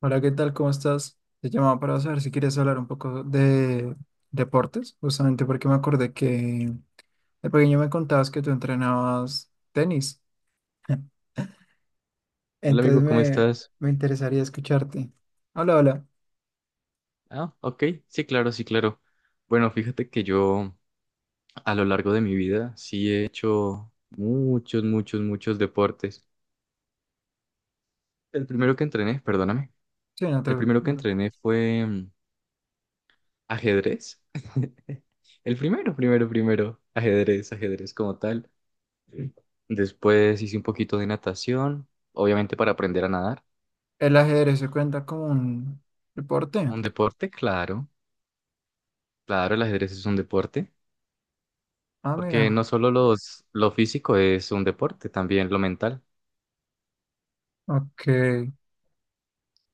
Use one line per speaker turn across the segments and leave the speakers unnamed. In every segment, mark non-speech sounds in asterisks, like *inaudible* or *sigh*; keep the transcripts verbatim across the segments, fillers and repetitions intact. Hola, ¿qué tal? ¿Cómo estás? Te llamaba para saber si quieres hablar un poco de deportes, justamente porque me acordé que de pequeño me contabas que tú entrenabas tenis. *laughs*
Hola
Entonces
amigo, ¿cómo
me,
estás?
me interesaría escucharte. Hola, hola.
Ah, ok, sí, claro, sí, claro. Bueno, fíjate que yo a lo largo de mi vida sí he hecho muchos, muchos, muchos deportes. El primero que entrené, perdóname,
Sí, no te-
el primero que
no-
entrené fue mm, ajedrez. *laughs* El primero, primero, primero, ajedrez, ajedrez como tal. Después hice un poquito de natación, obviamente para aprender a nadar.
El ajedrez se cuenta como un deporte.
Un deporte, claro, claro, el ajedrez es un deporte,
Ah,
porque no
mira.
solo los, lo físico es un deporte, también lo mental.
Ok.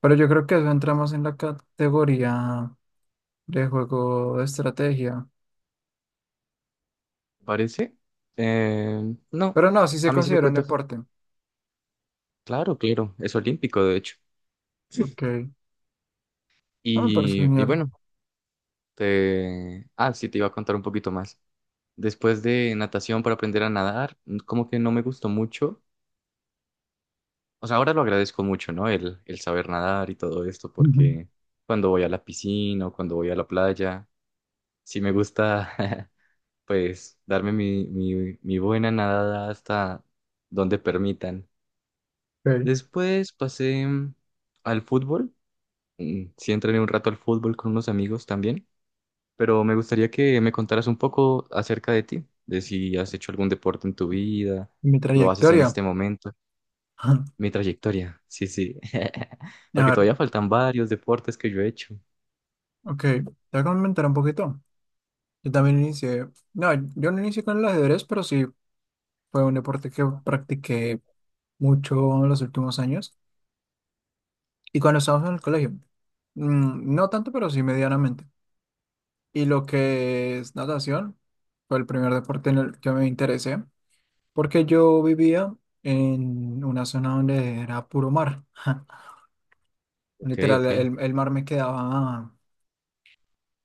Pero yo creo que eso entramos en la categoría de juego de estrategia.
¿parece? Eh, no,
Pero no, sí se
a mí sí me
considera un
cuenta.
deporte.
Claro, claro, es olímpico, de hecho.
Ok. Ah, me parece
Y, y
genial.
bueno, te... Ah, sí, te iba a contar un poquito más. Después de natación para aprender a nadar, como que no me gustó mucho. O sea, ahora lo agradezco mucho, ¿no? El, el saber nadar y todo esto,
*laughs*
porque cuando voy a la piscina o cuando voy a la playa, sí me gusta, *laughs* pues, darme mi, mi, mi buena nadada hasta donde permitan.
Ok.
Después pasé mm, al fútbol. Mm, Sí entrené un rato al fútbol con unos amigos también, pero me gustaría que me contaras un poco acerca de ti, de si has hecho algún deporte en tu vida,
Mi
lo haces en
trayectoria.
este momento,
*clears throat* *laughs*
mi trayectoria. Sí, sí. *laughs*
A
Porque
ver,
todavía faltan varios deportes que yo he hecho.
ok, te voy a comentar un poquito. Yo también inicié, no, yo no inicié con el ajedrez, pero sí fue un deporte que practiqué mucho en los últimos años y cuando estábamos en el colegio. Mm, no tanto, pero sí medianamente. Y lo que es natación fue el primer deporte en el que me interesé, porque yo vivía en una zona donde era puro mar. *laughs*
Ok,
Literal,
ok.
el, el mar me quedaba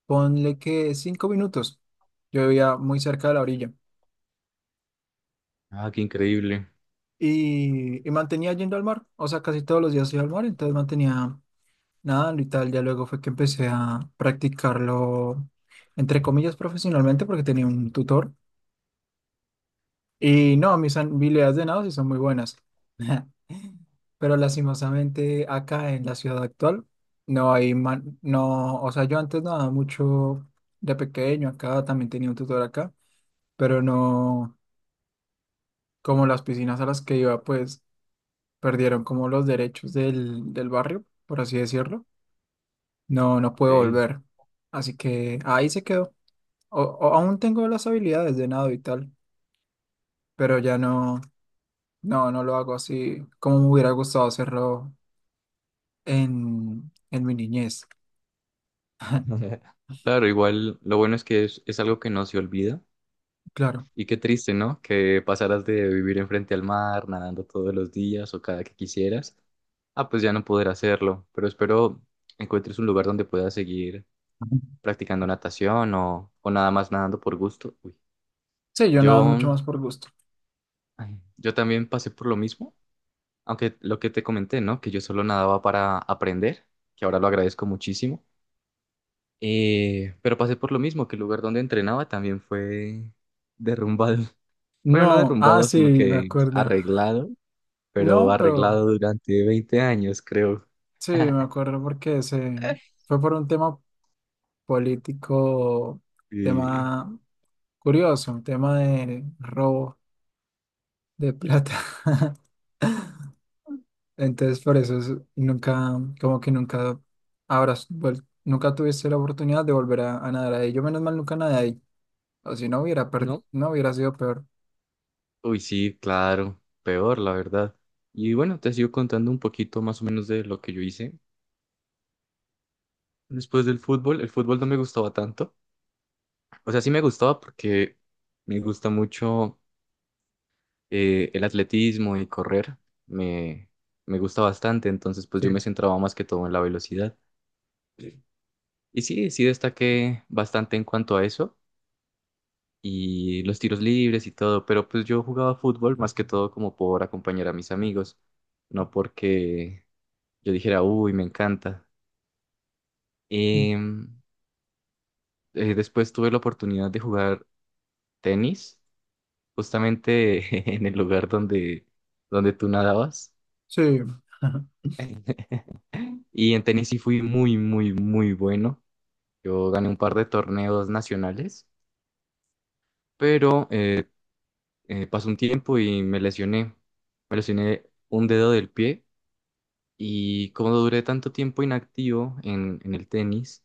ponle que cinco minutos. Yo vivía muy cerca de la orilla
Ah, qué increíble.
y, y mantenía yendo al mar, o sea, casi todos los días iba al mar, entonces mantenía nadando y tal. Ya luego fue que empecé a practicarlo, entre comillas, profesionalmente, porque tenía un tutor. Y no, mis habilidades de nado sí son muy buenas. *laughs* Pero lastimosamente acá en la ciudad actual no hay man- no, o sea, yo antes nadaba mucho de pequeño acá, también tenía un tutor acá, pero no. Como las piscinas a las que iba, pues perdieron como los derechos del, del barrio, por así decirlo. No, no puedo
Ok.
volver. Así que ahí se quedó. O, o- aún tengo las habilidades de nado y tal, pero ya no, no, no lo hago así como me hubiera gustado hacerlo en, en mi niñez,
*laughs* Claro, igual lo bueno es que es, es algo que no se olvida.
claro.
Y qué triste, ¿no? Que pasaras de vivir enfrente al mar, nadando todos los días o cada que quisieras, ah, pues ya no poder hacerlo. Pero espero encuentres un lugar donde puedas seguir practicando natación o, o nada más nadando por gusto. Uy.
Sí, yo nado
Yo,
mucho más por gusto.
ay, yo también pasé por lo mismo, aunque lo que te comenté, ¿no? Que yo solo nadaba para aprender, que ahora lo agradezco muchísimo. Eh, pero pasé por lo mismo, que el lugar donde entrenaba también fue derrumbado. *laughs* Bueno, no
No, ah,
derrumbado,
sí,
sino
me
que
acuerdo.
arreglado, pero
No, pero
arreglado durante veinte años, creo.
sí, me
*laughs*
acuerdo porque se fue por un tema político,
Y,
tema. Curioso, un tema de robo de plata. *laughs* Entonces, por eso es- nunca, como que nunca habrás vuel- nunca tuviste la oportunidad de volver a, a nadar ahí. Yo, menos mal, nunca nadé ahí. O si no hubiera, per-
¿no?
no hubiera sido peor.
Uy, sí, claro, peor, la verdad. Y bueno, te sigo contando un poquito más o menos de lo que yo hice después del fútbol. El fútbol no me gustaba tanto. O sea, sí me gustaba porque me gusta mucho eh, el atletismo y correr. Me, Me gusta bastante, entonces pues yo me
Sí.
centraba más que todo en la velocidad. Y sí, sí destaqué bastante en cuanto a eso, y los tiros libres y todo, pero pues yo jugaba fútbol más que todo como por acompañar a mis amigos, no porque yo dijera, uy, me encanta.
Mm.
Em, eh, Después tuve la oportunidad de jugar tenis, justamente *laughs* en el lugar donde, donde tú nadabas.
Sí. *laughs*
*laughs* Y en tenis sí fui muy, muy, muy bueno. Yo gané un par de torneos nacionales, pero eh, eh, pasó un tiempo y me lesioné. Me lesioné un dedo del pie. Y como duré tanto tiempo inactivo en, en el tenis,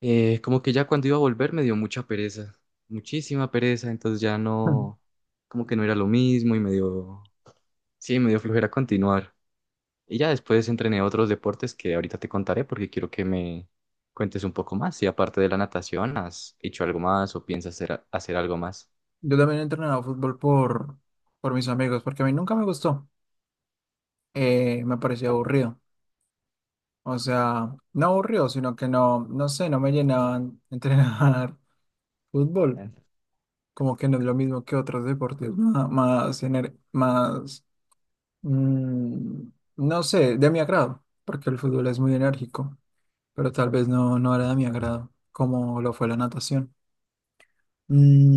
eh, como que ya cuando iba a volver me dio mucha pereza, muchísima pereza, entonces ya no, como que no era lo mismo y me dio, sí, me dio flojera continuar. Y ya después entrené otros deportes que ahorita te contaré porque quiero que me cuentes un poco más. Si aparte de la natación, ¿has hecho algo más o piensas hacer, hacer algo más?
Yo también he entrenado fútbol por, por mis amigos, porque a mí nunca me gustó. Eh, me parecía aburrido. O sea, no aburrido, sino que no, no sé, no me llenaban entrenar *laughs* fútbol.
Ah,
Como que no es lo mismo que otros deportes ma- más, ener- más, mm, no sé, de mi agrado, porque el fútbol es muy enérgico, pero tal vez no, no era de mi agrado, como lo fue la natación.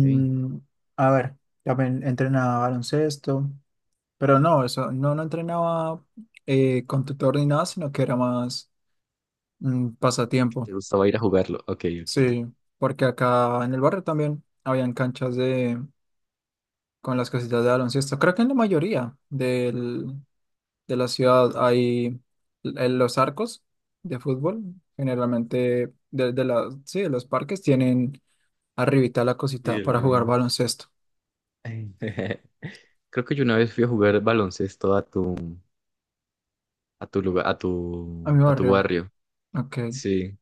ok.
a ver, también entrenaba baloncesto, pero no, eso, no, no entrenaba eh, con tutor ni nada, sino que era más mm, pasatiempo,
¿Te gustaba ir a jugarlo? Ok, ok.
sí, porque acá en el barrio también habían canchas con las casitas de baloncesto. Creo que en la mayoría del- de la ciudad hay en los arcos de fútbol. Generalmente, de, de la- sí, de los parques tienen arribita la
Y
cosita
el
para jugar
de-
baloncesto.
*laughs* Creo que yo una vez fui a jugar baloncesto a tu, a tu lugar, a tu,
A mi
a tu
barrio,
barrio.
ok,
Sí,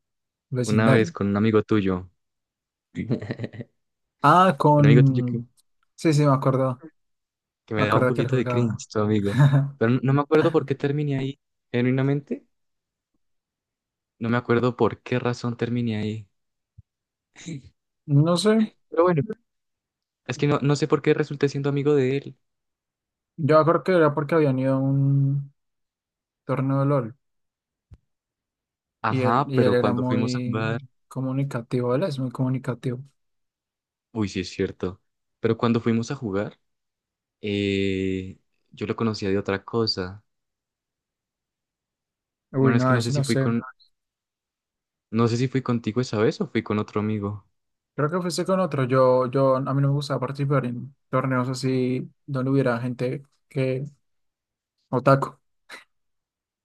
una vez
vecindario.
con un amigo tuyo, *laughs* un
Ah,
amigo tuyo que,
con. Sí, sí, me acuerdo.
que
Me
me daba un
acuerdo que él
poquito de
jugaba.
cringe, tu amigo.
*laughs*
Pero no, no me acuerdo por qué terminé ahí, genuinamente, no me acuerdo por qué razón terminé ahí.
No sé,
Pero bueno, es que no, no sé por qué resulté siendo amigo de él.
yo creo que era porque habían ido a un torneo de LOL y él,
Ajá,
y él
pero
era
cuando fuimos a
muy
jugar,
comunicativo, él es muy comunicativo.
uy, sí es cierto, pero cuando fuimos a jugar, eh, yo lo conocía de otra cosa.
Uy,
Bueno, es
no,
que no sé
eso
si
no
fui
sé.
con, no sé si fui contigo esa vez o fui con otro amigo.
Creo que empecé con otro. Yo, yo, a mí no me gusta participar en torneos así donde hubiera gente que otaku.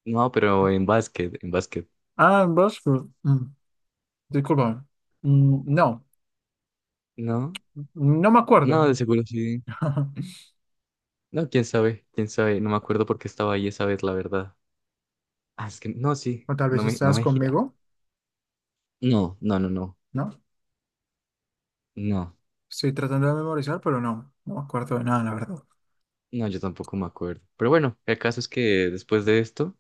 No, pero en básquet, en básquet.
Ah, en Bosco. Mm, disculpa. Mm, no,
No,
no me acuerdo.
no, de seguro sí.
*laughs*
No, quién sabe, quién sabe. No me acuerdo por qué estaba ahí esa vez, la verdad. Ah, es que no, sí,
O tal
no
vez
me, no
estás
me gira.
conmigo,
No, no, no, no,
¿no?
no,
Estoy tratando de memorizar, pero no, no me acuerdo de nada, la verdad.
no, yo tampoco me acuerdo. Pero bueno, el caso es que después de esto,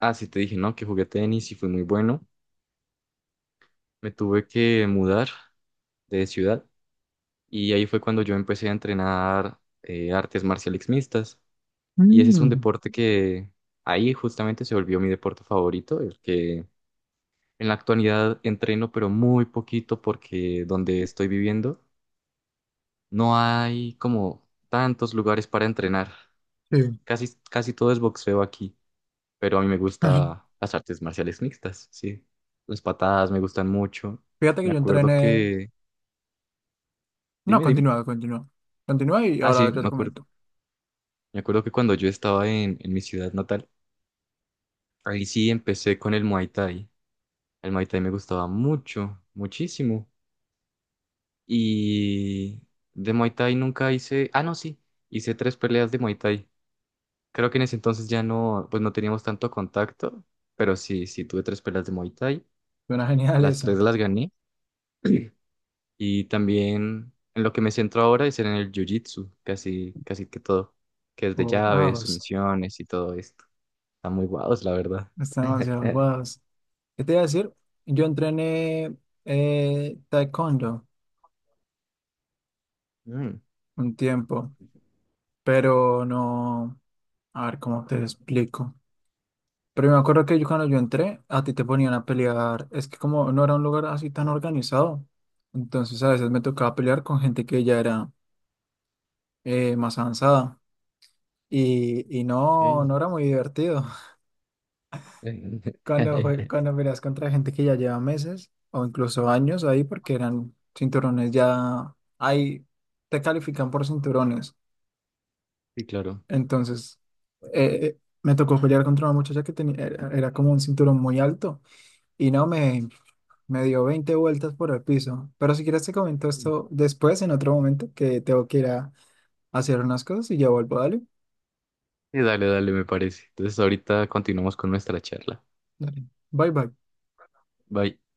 ah, sí te dije, ¿no? Que jugué tenis y fui muy bueno. Me tuve que mudar de ciudad y ahí fue cuando yo empecé a entrenar eh, artes marciales mixtas. Y ese es un
Mm,
deporte que ahí justamente se volvió mi deporte favorito, el que en la actualidad entreno, pero muy poquito porque donde estoy viviendo no hay como tantos lugares para entrenar.
sí.
Casi, casi todo es boxeo aquí, pero a mí me gusta
*laughs*
las artes marciales mixtas, sí. Las patadas me gustan mucho.
Fíjate que
Me
yo
acuerdo
entrené.
que...
No,
Dime, dime.
continúa, continúa. Continúa y
Ah,
ahora
sí,
yo te
me acuerdo,
comento.
me acuerdo que cuando yo estaba en, en mi ciudad natal, ahí sí empecé con el Muay Thai. El Muay Thai me gustaba mucho, muchísimo. Y de Muay Thai nunca hice, ah, no, sí, hice tres peleas de Muay Thai. Creo que en ese entonces ya no, pues no teníamos tanto contacto, pero sí, sí tuve tres peleas de Muay Thai,
Suena genial
las tres
eso.
las gané y también en lo que me centro ahora es en el Jiu-Jitsu, casi, casi que todo, que es de
Oh,
llaves,
wow.
sumisiones y todo esto. Está muy guados, la verdad.
Está demasiado
*laughs*
wow. ¿Qué te iba a decir? Yo entrené eh, taekwondo
Mm,
un tiempo, pero no, a ver cómo te explico. Pero me acuerdo que yo cuando yo entré, a ti te ponían a pelear. Es que como no era un lugar así tan organizado, entonces a veces me tocaba pelear con gente que ya era eh, más avanzada y, y
ok.
no, no era muy divertido. *laughs* Cuando, jue-
*laughs*
cuando peleas contra gente que ya lleva meses o incluso años ahí porque eran cinturones ya. Ahí te califican por cinturones.
Sí, claro.
Entonces, eh, eh, me tocó pelear contra una muchacha que tenía, era, era como un cinturón muy alto y no me, me dio veinte vueltas por el piso. Pero si quieres te comento esto después, en otro momento, que tengo que ir a hacer unas cosas y ya vuelvo. Dale.
Sí, dale, dale, me parece. Entonces ahorita continuamos con nuestra charla.
Dale. Bye bye.
Bye.